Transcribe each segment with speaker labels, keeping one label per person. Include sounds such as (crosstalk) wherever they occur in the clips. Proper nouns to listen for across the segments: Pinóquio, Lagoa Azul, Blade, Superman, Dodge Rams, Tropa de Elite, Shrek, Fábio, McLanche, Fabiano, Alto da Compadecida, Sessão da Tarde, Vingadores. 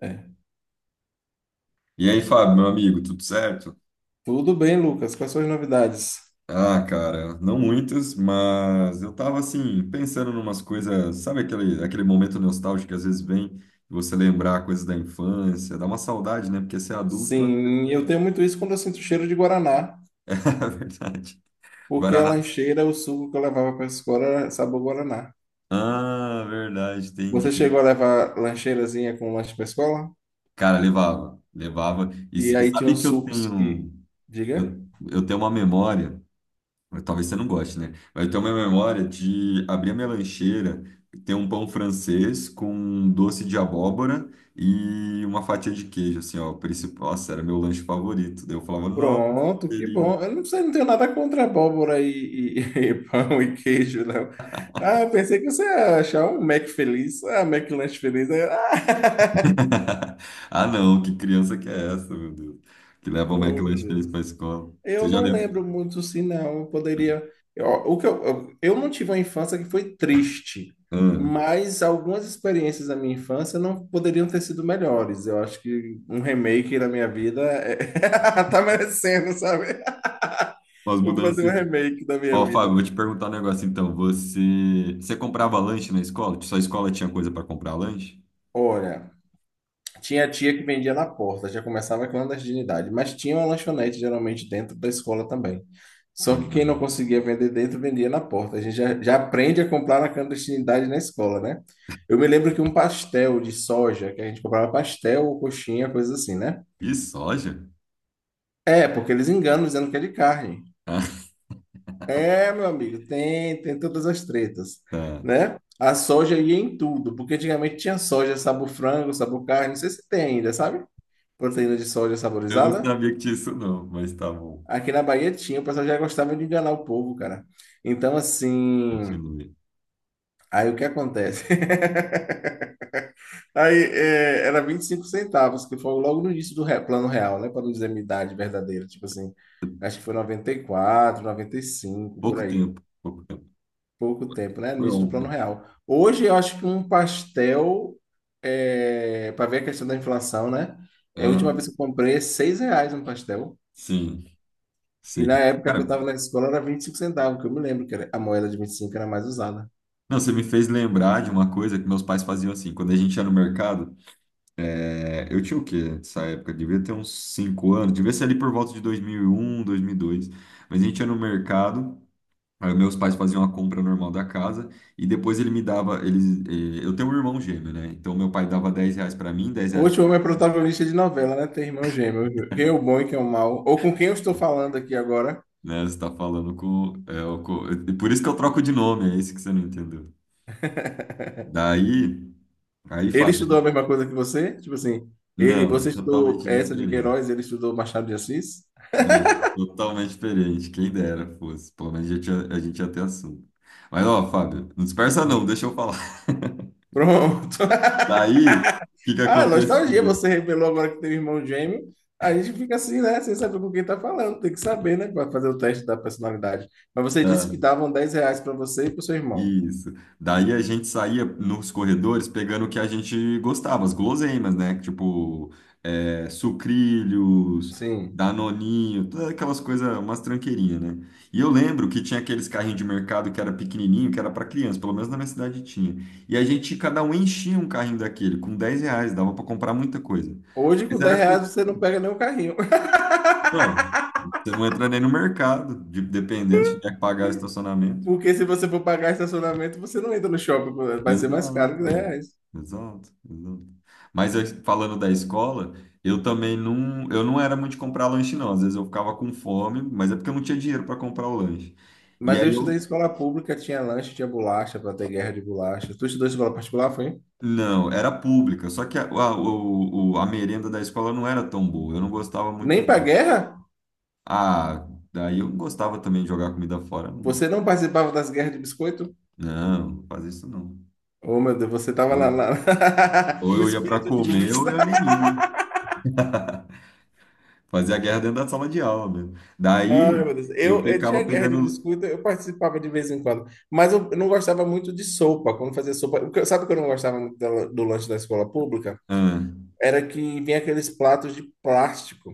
Speaker 1: É.
Speaker 2: E aí, Fábio, meu amigo, tudo certo?
Speaker 1: Tudo bem, Lucas. Quais são as novidades?
Speaker 2: Ah, cara, não muitas, mas eu tava assim, pensando numas coisas, sabe aquele momento nostálgico que às vezes vem e você lembrar coisas da infância, dá uma saudade, né? Porque ser adulto
Speaker 1: Sim, eu tenho muito isso quando eu sinto cheiro de guaraná,
Speaker 2: (laughs) é verdade.
Speaker 1: porque a
Speaker 2: Guaraná.
Speaker 1: lancheira, o suco que eu levava para a escola era sabor guaraná.
Speaker 2: Ah, verdade,
Speaker 1: Você
Speaker 2: entendi.
Speaker 1: chegou a levar lancheirazinha com lanche para a escola?
Speaker 2: Cara, levava, levava. E,
Speaker 1: E
Speaker 2: s- e
Speaker 1: aí tinha
Speaker 2: sabe
Speaker 1: uns
Speaker 2: que
Speaker 1: sucos que.
Speaker 2: eu,
Speaker 1: Diga?
Speaker 2: eu tenho uma memória. Talvez você não goste, né? Mas eu tenho uma memória de abrir a minha lancheira, ter um pão francês com doce de abóbora e uma fatia de queijo, assim, ó. O principal, nossa, era meu lanche favorito. Daí eu falava, nossa,
Speaker 1: Pronto,
Speaker 2: que
Speaker 1: que bom.
Speaker 2: delícia.
Speaker 1: Eu não sei, não tenho nada contra abóbora (laughs) e pão e queijo, não. Ah, eu pensei que você ia achar um Mac feliz. Ah, Mac lanche feliz. Ah,
Speaker 2: (laughs) Ah, não, que criança que é essa, meu Deus? Que
Speaker 1: (laughs)
Speaker 2: leva o
Speaker 1: Oh, meu
Speaker 2: McLanche feliz
Speaker 1: Deus.
Speaker 2: pra escola.
Speaker 1: Eu
Speaker 2: Você já
Speaker 1: não
Speaker 2: lembra?
Speaker 1: lembro muito se não, eu poderia. Eu, o que eu não tive uma infância que foi triste,
Speaker 2: Ah,
Speaker 1: mas algumas experiências da minha infância não poderiam ter sido melhores. Eu acho que um remake da minha vida (laughs) tá merecendo, sabe?
Speaker 2: umas
Speaker 1: (laughs) Vou fazer um
Speaker 2: mudanças.
Speaker 1: remake da minha
Speaker 2: Ó, Fábio,
Speaker 1: vida.
Speaker 2: vou te perguntar um negócio então. Você, você comprava lanche na escola? Sua escola tinha coisa para comprar lanche?
Speaker 1: Olha. Tinha tia que vendia na porta, já começava a clandestinidade, mas tinha uma lanchonete geralmente dentro da escola também. Só que quem não
Speaker 2: Uhum.
Speaker 1: conseguia vender dentro, vendia na porta. A gente já aprende a comprar na clandestinidade na escola, né? Eu me lembro que um pastel de soja, que a gente comprava pastel ou coxinha, coisa assim, né?
Speaker 2: E soja?
Speaker 1: É, porque eles enganam dizendo que é de carne.
Speaker 2: (laughs) Ah,
Speaker 1: É, meu amigo, tem todas as tretas,
Speaker 2: tá.
Speaker 1: né? A soja ia em tudo, porque antigamente tinha soja sabor frango, sabor carne, não sei se tem ainda, sabe? Proteína de soja
Speaker 2: Eu não
Speaker 1: saborizada.
Speaker 2: sabia que tinha isso, não, mas tá bom.
Speaker 1: Aqui na Bahia tinha, o pessoal já gostava de enganar o povo, cara. Então, assim,
Speaker 2: Continue.
Speaker 1: aí o que acontece? (laughs) Aí era 25 centavos, que foi logo no início do plano real, né? Para não dizer minha idade verdadeira, tipo assim, acho que foi noventa e quatro, 95, por
Speaker 2: Pouco
Speaker 1: aí.
Speaker 2: tempo, pouco tempo.
Speaker 1: Pouco tempo, né? No
Speaker 2: Foi
Speaker 1: início do plano
Speaker 2: ontem.
Speaker 1: real. Hoje eu acho que um pastel, para ver a questão da inflação, né? É, a última
Speaker 2: Aham.
Speaker 1: vez que eu comprei é R$ 6 um pastel.
Speaker 2: Sim,
Speaker 1: E na
Speaker 2: sei.
Speaker 1: época que eu
Speaker 2: Cara,
Speaker 1: estava na escola era 25 centavos, que eu me lembro que a moeda de 25 era mais usada.
Speaker 2: não, você me fez lembrar de uma coisa que meus pais faziam assim. Quando a gente ia no mercado, eu tinha o quê nessa época? Devia ter uns 5 anos, devia ser ali por volta de 2001, 2002. Mas a gente ia no mercado, aí meus pais faziam a compra normal da casa e depois ele me dava. Eu tenho um irmão gêmeo, né? Então meu pai dava R$ 10 pra mim, R$ 10.
Speaker 1: Hoje o homem é protagonista de novela, né? Tem irmão gêmeo. Quem é o bom e quem é o mal? Ou com quem eu estou falando aqui agora?
Speaker 2: Né? Você tá falando com, é, o co- e Por isso que eu troco de nome, é isso que você não entendeu. Daí, aí
Speaker 1: Ele estudou
Speaker 2: Fabiano.
Speaker 1: a mesma coisa que você? Tipo assim,
Speaker 2: Não, é
Speaker 1: você estudou
Speaker 2: totalmente
Speaker 1: essa de
Speaker 2: diferente.
Speaker 1: Queiroz, ele estudou Machado de Assis?
Speaker 2: Né? Totalmente diferente. Quem dera fosse. Pelo menos a gente ia ter assunto. Mas, ó, Fábio, não dispersa não,
Speaker 1: Diga.
Speaker 2: deixa eu falar. (laughs)
Speaker 1: Pronto. (laughs)
Speaker 2: Daí, o que que
Speaker 1: Ah, nostalgia,
Speaker 2: acontecia?
Speaker 1: você revelou agora que tem irmão gêmeo. A gente fica assim, né? Sem saber com quem tá falando. Tem que saber, né? Para fazer o teste da personalidade. Mas você disse
Speaker 2: Ah,
Speaker 1: que davam R$ 10 para você e para o seu irmão.
Speaker 2: isso. Daí a gente saía nos corredores pegando o que a gente gostava, as guloseimas, né? Tipo, sucrilhos,
Speaker 1: Sim.
Speaker 2: danoninho, todas aquelas coisas, umas tranqueirinhas, né? E eu lembro que tinha aqueles carrinhos de mercado que era pequenininho, que era para criança, pelo menos na minha cidade tinha. E a gente, cada um enchia um carrinho daquele, com R$ 10, dava para comprar muita coisa.
Speaker 1: Hoje,
Speaker 2: Mas
Speaker 1: com 10
Speaker 2: era
Speaker 1: reais,
Speaker 2: coisa.
Speaker 1: você não pega nenhum carrinho. (laughs)
Speaker 2: Não, você não entra nem no mercado, dependendo, se tiver que pagar o estacionamento.
Speaker 1: Porque se você for pagar estacionamento, você não entra no shopping. Vai ser mais caro que
Speaker 2: Exato,
Speaker 1: R$ 10.
Speaker 2: é, exato, exato. Falando da escola, eu também não, eu não era muito de comprar lanche, não. Às vezes eu ficava com fome, mas é porque eu não tinha dinheiro para comprar o lanche. E
Speaker 1: Mas eu
Speaker 2: aí
Speaker 1: estudei em
Speaker 2: eu,
Speaker 1: escola pública, tinha lanche, tinha bolacha, para ter guerra de bolacha. Tu estudou em escola particular, foi?
Speaker 2: não, era pública, só que a merenda da escola não era tão boa, eu não gostava muito,
Speaker 1: Nem pra
Speaker 2: não.
Speaker 1: guerra?
Speaker 2: Ah, daí eu não gostava também de jogar comida fora, não.
Speaker 1: Você não participava das guerras de biscoito?
Speaker 2: Não, não fazia isso não.
Speaker 1: Oh, meu Deus, você tava lá,
Speaker 2: Ou,
Speaker 1: lá. (laughs)
Speaker 2: ou
Speaker 1: O
Speaker 2: eu ia para
Speaker 1: espírito de
Speaker 2: comer
Speaker 1: luz.
Speaker 2: ou eu nem ia. Fazia a guerra dentro da sala de aula mesmo.
Speaker 1: Ai,
Speaker 2: Daí
Speaker 1: meu Deus.
Speaker 2: eu
Speaker 1: Eu tinha
Speaker 2: ficava
Speaker 1: guerra de
Speaker 2: pegando.
Speaker 1: biscoito, eu participava de vez em quando. Mas eu não gostava muito de sopa, quando fazia sopa. Sabe o que eu não gostava muito do lanche da escola pública?
Speaker 2: Ah,
Speaker 1: Era que vinha aqueles platos de plástico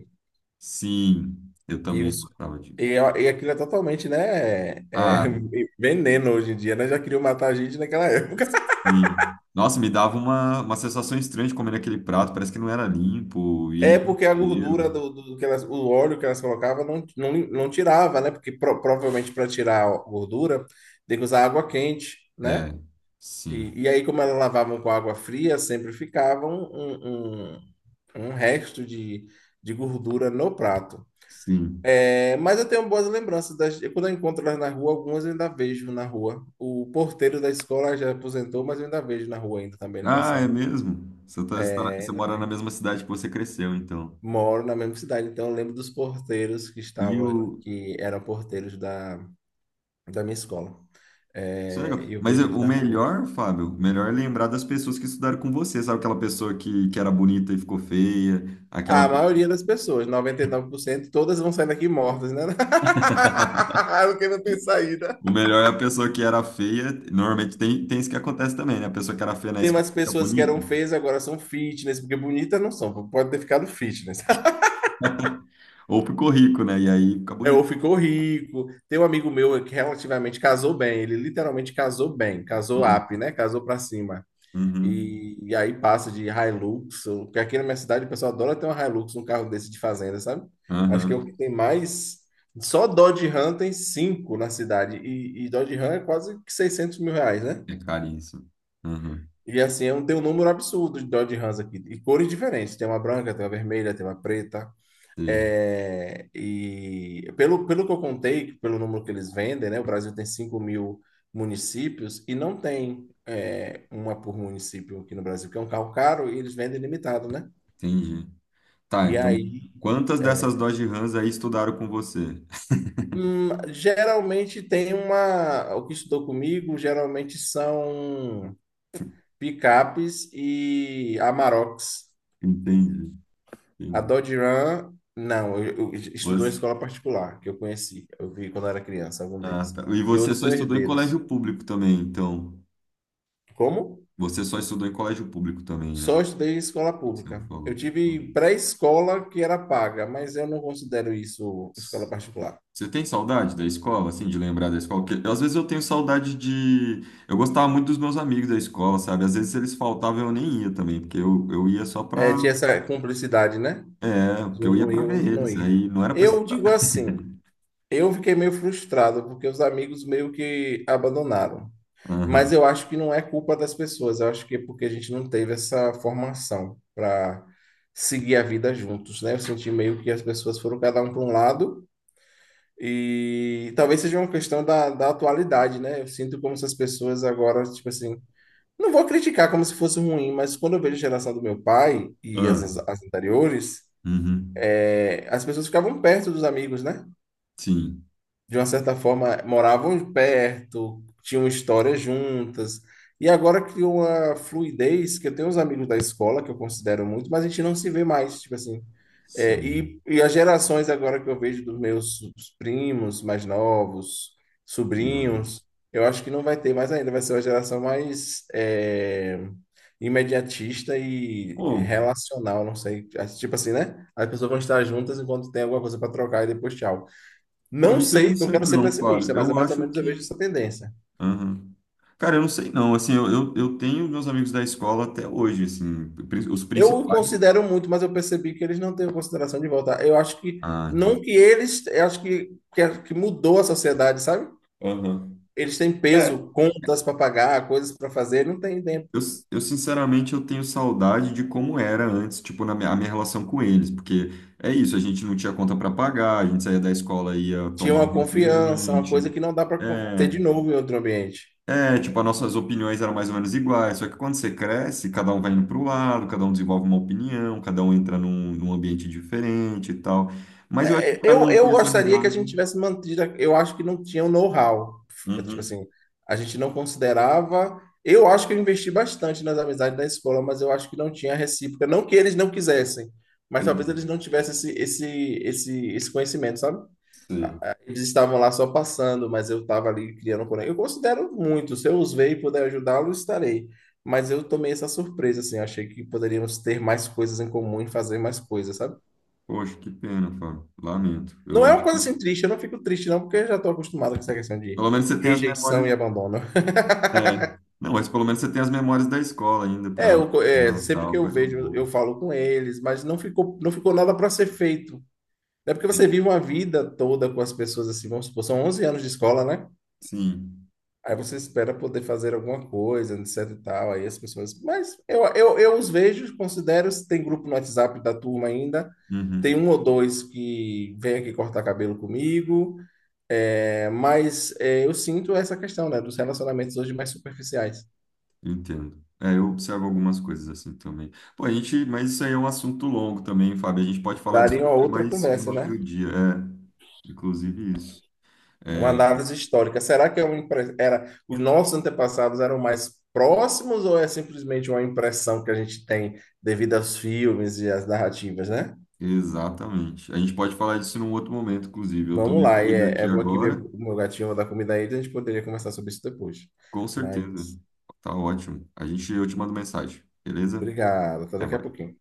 Speaker 2: sim, eu
Speaker 1: e,
Speaker 2: também
Speaker 1: os,
Speaker 2: gostava disso.
Speaker 1: e aquilo é totalmente, né,
Speaker 2: Ah,
Speaker 1: (laughs) veneno hoje em dia, né? Já queriam matar a gente naquela época.
Speaker 2: e nossa, me dava uma, sensação estranha de comer aquele prato, parece que não era limpo e ele
Speaker 1: É
Speaker 2: tinha um
Speaker 1: porque a gordura
Speaker 2: cheiro.
Speaker 1: do que elas, o óleo que elas colocavam não tirava, né? Porque provavelmente para tirar a gordura tem que usar água quente,
Speaker 2: É,
Speaker 1: né?
Speaker 2: sim,
Speaker 1: E aí, como elas lavavam com água fria, sempre ficava um, um- um resto de gordura no prato.
Speaker 2: sim.
Speaker 1: É, mas eu tenho boas lembranças. Quando eu encontro elas na rua, algumas eu ainda vejo na rua. O porteiro da escola já aposentou, mas eu ainda vejo na rua ainda também, ele
Speaker 2: Ah, é
Speaker 1: passando.
Speaker 2: mesmo? Você, tá, você, tá na-
Speaker 1: É,
Speaker 2: você
Speaker 1: ainda
Speaker 2: mora na
Speaker 1: tem.
Speaker 2: mesma cidade que você cresceu, então.
Speaker 1: Moro na mesma cidade, então eu lembro dos porteiros que
Speaker 2: E
Speaker 1: estavam,
Speaker 2: o.
Speaker 1: que eram porteiros da minha escola.
Speaker 2: Isso é
Speaker 1: É, e
Speaker 2: legal.
Speaker 1: eu vejo eles
Speaker 2: O
Speaker 1: na rua.
Speaker 2: melhor, Fábio, o melhor é lembrar das pessoas que estudaram com você, sabe? Aquela pessoa que era bonita e ficou feia, aquela.
Speaker 1: A maioria das pessoas, 99%, todas vão sair daqui mortas, né? (laughs) Porque não tem saída.
Speaker 2: O melhor é a pessoa que era feia. Normalmente tem isso que acontece também, né? A pessoa que era feia na
Speaker 1: Tem
Speaker 2: escola
Speaker 1: umas
Speaker 2: fica
Speaker 1: pessoas que
Speaker 2: bonita.
Speaker 1: eram feias, agora são fitness, porque bonitas não são, pode ter ficado fitness.
Speaker 2: Ou ficou rico, né? E aí fica
Speaker 1: É, ou
Speaker 2: bonito.
Speaker 1: ficou rico. Tem um amigo meu que relativamente casou bem, ele literalmente casou bem, casou
Speaker 2: Hum.
Speaker 1: up, né? Casou pra cima.
Speaker 2: Uhum.
Speaker 1: E aí passa de Hilux, porque aqui na minha cidade o pessoal adora ter um Hilux, um carro desse de fazenda, sabe? Acho que é o que
Speaker 2: Aham.
Speaker 1: tem mais. Só Dodge Ram tem cinco na cidade, e Dodge Ram é quase que 600 mil reais, né?
Speaker 2: É caríssimo. Uhum.
Speaker 1: E assim, tem um número absurdo de Dodge Rams aqui, e cores diferentes: tem uma branca, tem uma vermelha, tem uma preta.
Speaker 2: Sim,
Speaker 1: É, e pelo que eu contei, pelo número que eles vendem, né, o Brasil tem 5 mil municípios e não tem uma por município aqui no Brasil, que é um carro caro e eles vendem limitado, né?
Speaker 2: entendi. Tá,
Speaker 1: E
Speaker 2: então,
Speaker 1: aí,
Speaker 2: quantas dessas
Speaker 1: é,
Speaker 2: Dodge Rams aí estudaram com você? (laughs)
Speaker 1: geralmente tem uma. O que estudou comigo geralmente são picapes e Amaroks.
Speaker 2: Entendi,
Speaker 1: A
Speaker 2: entendi.
Speaker 1: Dodge Ram, não, eu estudou em
Speaker 2: Você,
Speaker 1: escola particular, que eu conheci, eu vi quando era criança, algum
Speaker 2: ah,
Speaker 1: deles.
Speaker 2: tá. E
Speaker 1: E
Speaker 2: você
Speaker 1: outros
Speaker 2: só
Speaker 1: são
Speaker 2: estudou em colégio
Speaker 1: herdeiros.
Speaker 2: público também, então.
Speaker 1: Como?
Speaker 2: Você só estudou em colégio público também, né?
Speaker 1: Só estudei em escola
Speaker 2: O que você me
Speaker 1: pública. Eu
Speaker 2: falou.
Speaker 1: tive
Speaker 2: Uhum.
Speaker 1: pré-escola que era paga, mas eu não considero isso escola particular.
Speaker 2: Você tem saudade da escola, assim, de lembrar da escola? Porque às vezes eu tenho saudade de. Eu gostava muito dos meus amigos da escola, sabe? Às vezes eles faltavam e eu nem ia também, porque eu ia só
Speaker 1: É,
Speaker 2: pra.
Speaker 1: tinha essa cumplicidade, né?
Speaker 2: É,
Speaker 1: De
Speaker 2: porque
Speaker 1: um
Speaker 2: eu ia
Speaker 1: não
Speaker 2: pra
Speaker 1: ir, o
Speaker 2: ver
Speaker 1: outro não
Speaker 2: eles,
Speaker 1: ir.
Speaker 2: aí não era pra
Speaker 1: Eu
Speaker 2: estudar.
Speaker 1: digo assim,
Speaker 2: (laughs)
Speaker 1: eu fiquei meio frustrado, porque os amigos meio que abandonaram. Mas
Speaker 2: Aham.
Speaker 1: eu acho que não é culpa das pessoas, eu acho que é porque a gente não teve essa formação para seguir a vida juntos, né? Eu senti meio que as pessoas foram cada um para um lado e talvez seja uma questão da atualidade, né? Eu sinto como se as pessoas agora, tipo assim, não vou criticar como se fosse ruim, mas quando eu vejo a geração do meu pai e as,
Speaker 2: Ah,
Speaker 1: as anteriores,
Speaker 2: uhum.
Speaker 1: as pessoas ficavam perto dos amigos, né?
Speaker 2: Sim,
Speaker 1: De uma certa forma, moravam perto, tinham histórias juntas. E agora criou uma fluidez que eu tenho uns amigos da escola que eu considero muito, mas a gente não se vê mais, tipo assim. É,
Speaker 2: sim.
Speaker 1: e as gerações agora que eu vejo dos meus primos mais novos,
Speaker 2: Eu.
Speaker 1: sobrinhos, eu acho que não vai ter mais ainda, vai ser uma geração mais imediatista e
Speaker 2: Pô,
Speaker 1: relacional, não sei. Tipo assim, né? As pessoas vão estar juntas enquanto tem alguma coisa para trocar e depois tchau.
Speaker 2: pô,
Speaker 1: Não
Speaker 2: isso eu não
Speaker 1: sei, não
Speaker 2: sei
Speaker 1: quero ser
Speaker 2: não, Fábio.
Speaker 1: pessimista, mas é
Speaker 2: Eu
Speaker 1: mais ou
Speaker 2: acho
Speaker 1: menos eu vejo
Speaker 2: que.
Speaker 1: essa tendência.
Speaker 2: Aham. Cara, eu não sei não. Assim, eu tenho meus amigos da escola até hoje, assim, os
Speaker 1: Eu
Speaker 2: principais.
Speaker 1: considero muito, mas eu percebi que eles não têm consideração de voltar. Eu acho que,
Speaker 2: Ah, tem.
Speaker 1: não que eles, eu acho que mudou a sociedade, sabe?
Speaker 2: Aham.
Speaker 1: Eles têm
Speaker 2: É,
Speaker 1: peso, contas para pagar, coisas para fazer, não tem tempo.
Speaker 2: Eu, sinceramente eu tenho saudade de como era antes, tipo, a minha relação com eles, porque é isso, a gente não tinha conta para pagar, a gente saía da escola ia
Speaker 1: Tinha
Speaker 2: tomar um
Speaker 1: uma confiança, uma coisa
Speaker 2: refrigerante.
Speaker 1: que não dá para ter
Speaker 2: É,
Speaker 1: de novo em outro ambiente.
Speaker 2: é, tipo, as nossas opiniões eram mais ou menos iguais, só que quando você cresce, cada um vai indo para o lado, cada um desenvolve uma opinião, cada um entra num ambiente diferente e tal. Mas eu acho que
Speaker 1: É,
Speaker 2: para
Speaker 1: Eu
Speaker 2: manter essa
Speaker 1: gostaria que a
Speaker 2: amizade.
Speaker 1: gente tivesse mantido. Eu acho que não tinha o know-how. Tipo
Speaker 2: Uhum,
Speaker 1: assim, a gente não considerava. Eu acho que eu investi bastante nas amizades da escola, mas eu acho que não tinha recíproca. Não que eles não quisessem, mas talvez eles
Speaker 2: entendi.
Speaker 1: não tivessem esse, esse conhecimento, sabe?
Speaker 2: Sei.
Speaker 1: Eles estavam lá só passando, mas eu estava ali criando um conexão. Eu considero muito. Se eu os ver e puder ajudá-lo, estarei. Mas eu tomei essa surpresa, assim. Eu achei que poderíamos ter mais coisas em comum e fazer mais coisas, sabe?
Speaker 2: Poxa, que pena, Fábio. Lamento. Eu
Speaker 1: Não é uma
Speaker 2: acho que.
Speaker 1: coisa assim triste, eu não fico triste não, porque eu já estou acostumado com essa questão de
Speaker 2: Pelo menos você tem as
Speaker 1: rejeição
Speaker 2: memórias.
Speaker 1: e abandono.
Speaker 2: É. Não, mas pelo menos você tem as memórias da escola ainda
Speaker 1: É,
Speaker 2: para
Speaker 1: sempre que
Speaker 2: tal,
Speaker 1: eu
Speaker 2: coisa
Speaker 1: vejo,
Speaker 2: boa.
Speaker 1: eu falo com eles, mas não ficou nada para ser feito. É porque você
Speaker 2: Sim.
Speaker 1: vive uma vida toda com as pessoas assim, vamos supor, são 11 anos de escola, né?
Speaker 2: Sim.
Speaker 1: Aí você espera poder fazer alguma coisa, etc e tal, aí as pessoas... Mas eu os vejo, considero, se tem grupo no WhatsApp da turma ainda, tem
Speaker 2: Uhum.
Speaker 1: um ou dois que vem aqui cortar cabelo comigo. É, mas eu sinto essa questão, né, dos relacionamentos hoje mais superficiais.
Speaker 2: Entendo. É, eu observo algumas coisas assim também. Pô, mas isso aí é um assunto longo também, Fábio. A gente pode falar disso
Speaker 1: Daria uma
Speaker 2: até
Speaker 1: outra
Speaker 2: mais um
Speaker 1: conversa, né?
Speaker 2: outro dia. É, inclusive isso.
Speaker 1: Uma
Speaker 2: É,
Speaker 1: análise histórica. Será que é uma era os nossos antepassados eram mais próximos ou é simplesmente uma impressão que a gente tem devido aos filmes e às narrativas, né?
Speaker 2: exatamente. A gente pode falar disso num outro momento, inclusive. Eu tô
Speaker 1: Vamos
Speaker 2: meio
Speaker 1: lá,
Speaker 2: corrido aqui
Speaker 1: vou aqui ver
Speaker 2: agora,
Speaker 1: o meu gatinho vou dar comida a ele, a gente poderia conversar sobre isso depois.
Speaker 2: com certeza.
Speaker 1: Mas
Speaker 2: Tá ótimo. Eu te mando mensagem, beleza?
Speaker 1: obrigado, até
Speaker 2: Até
Speaker 1: daqui a
Speaker 2: mais.
Speaker 1: pouquinho.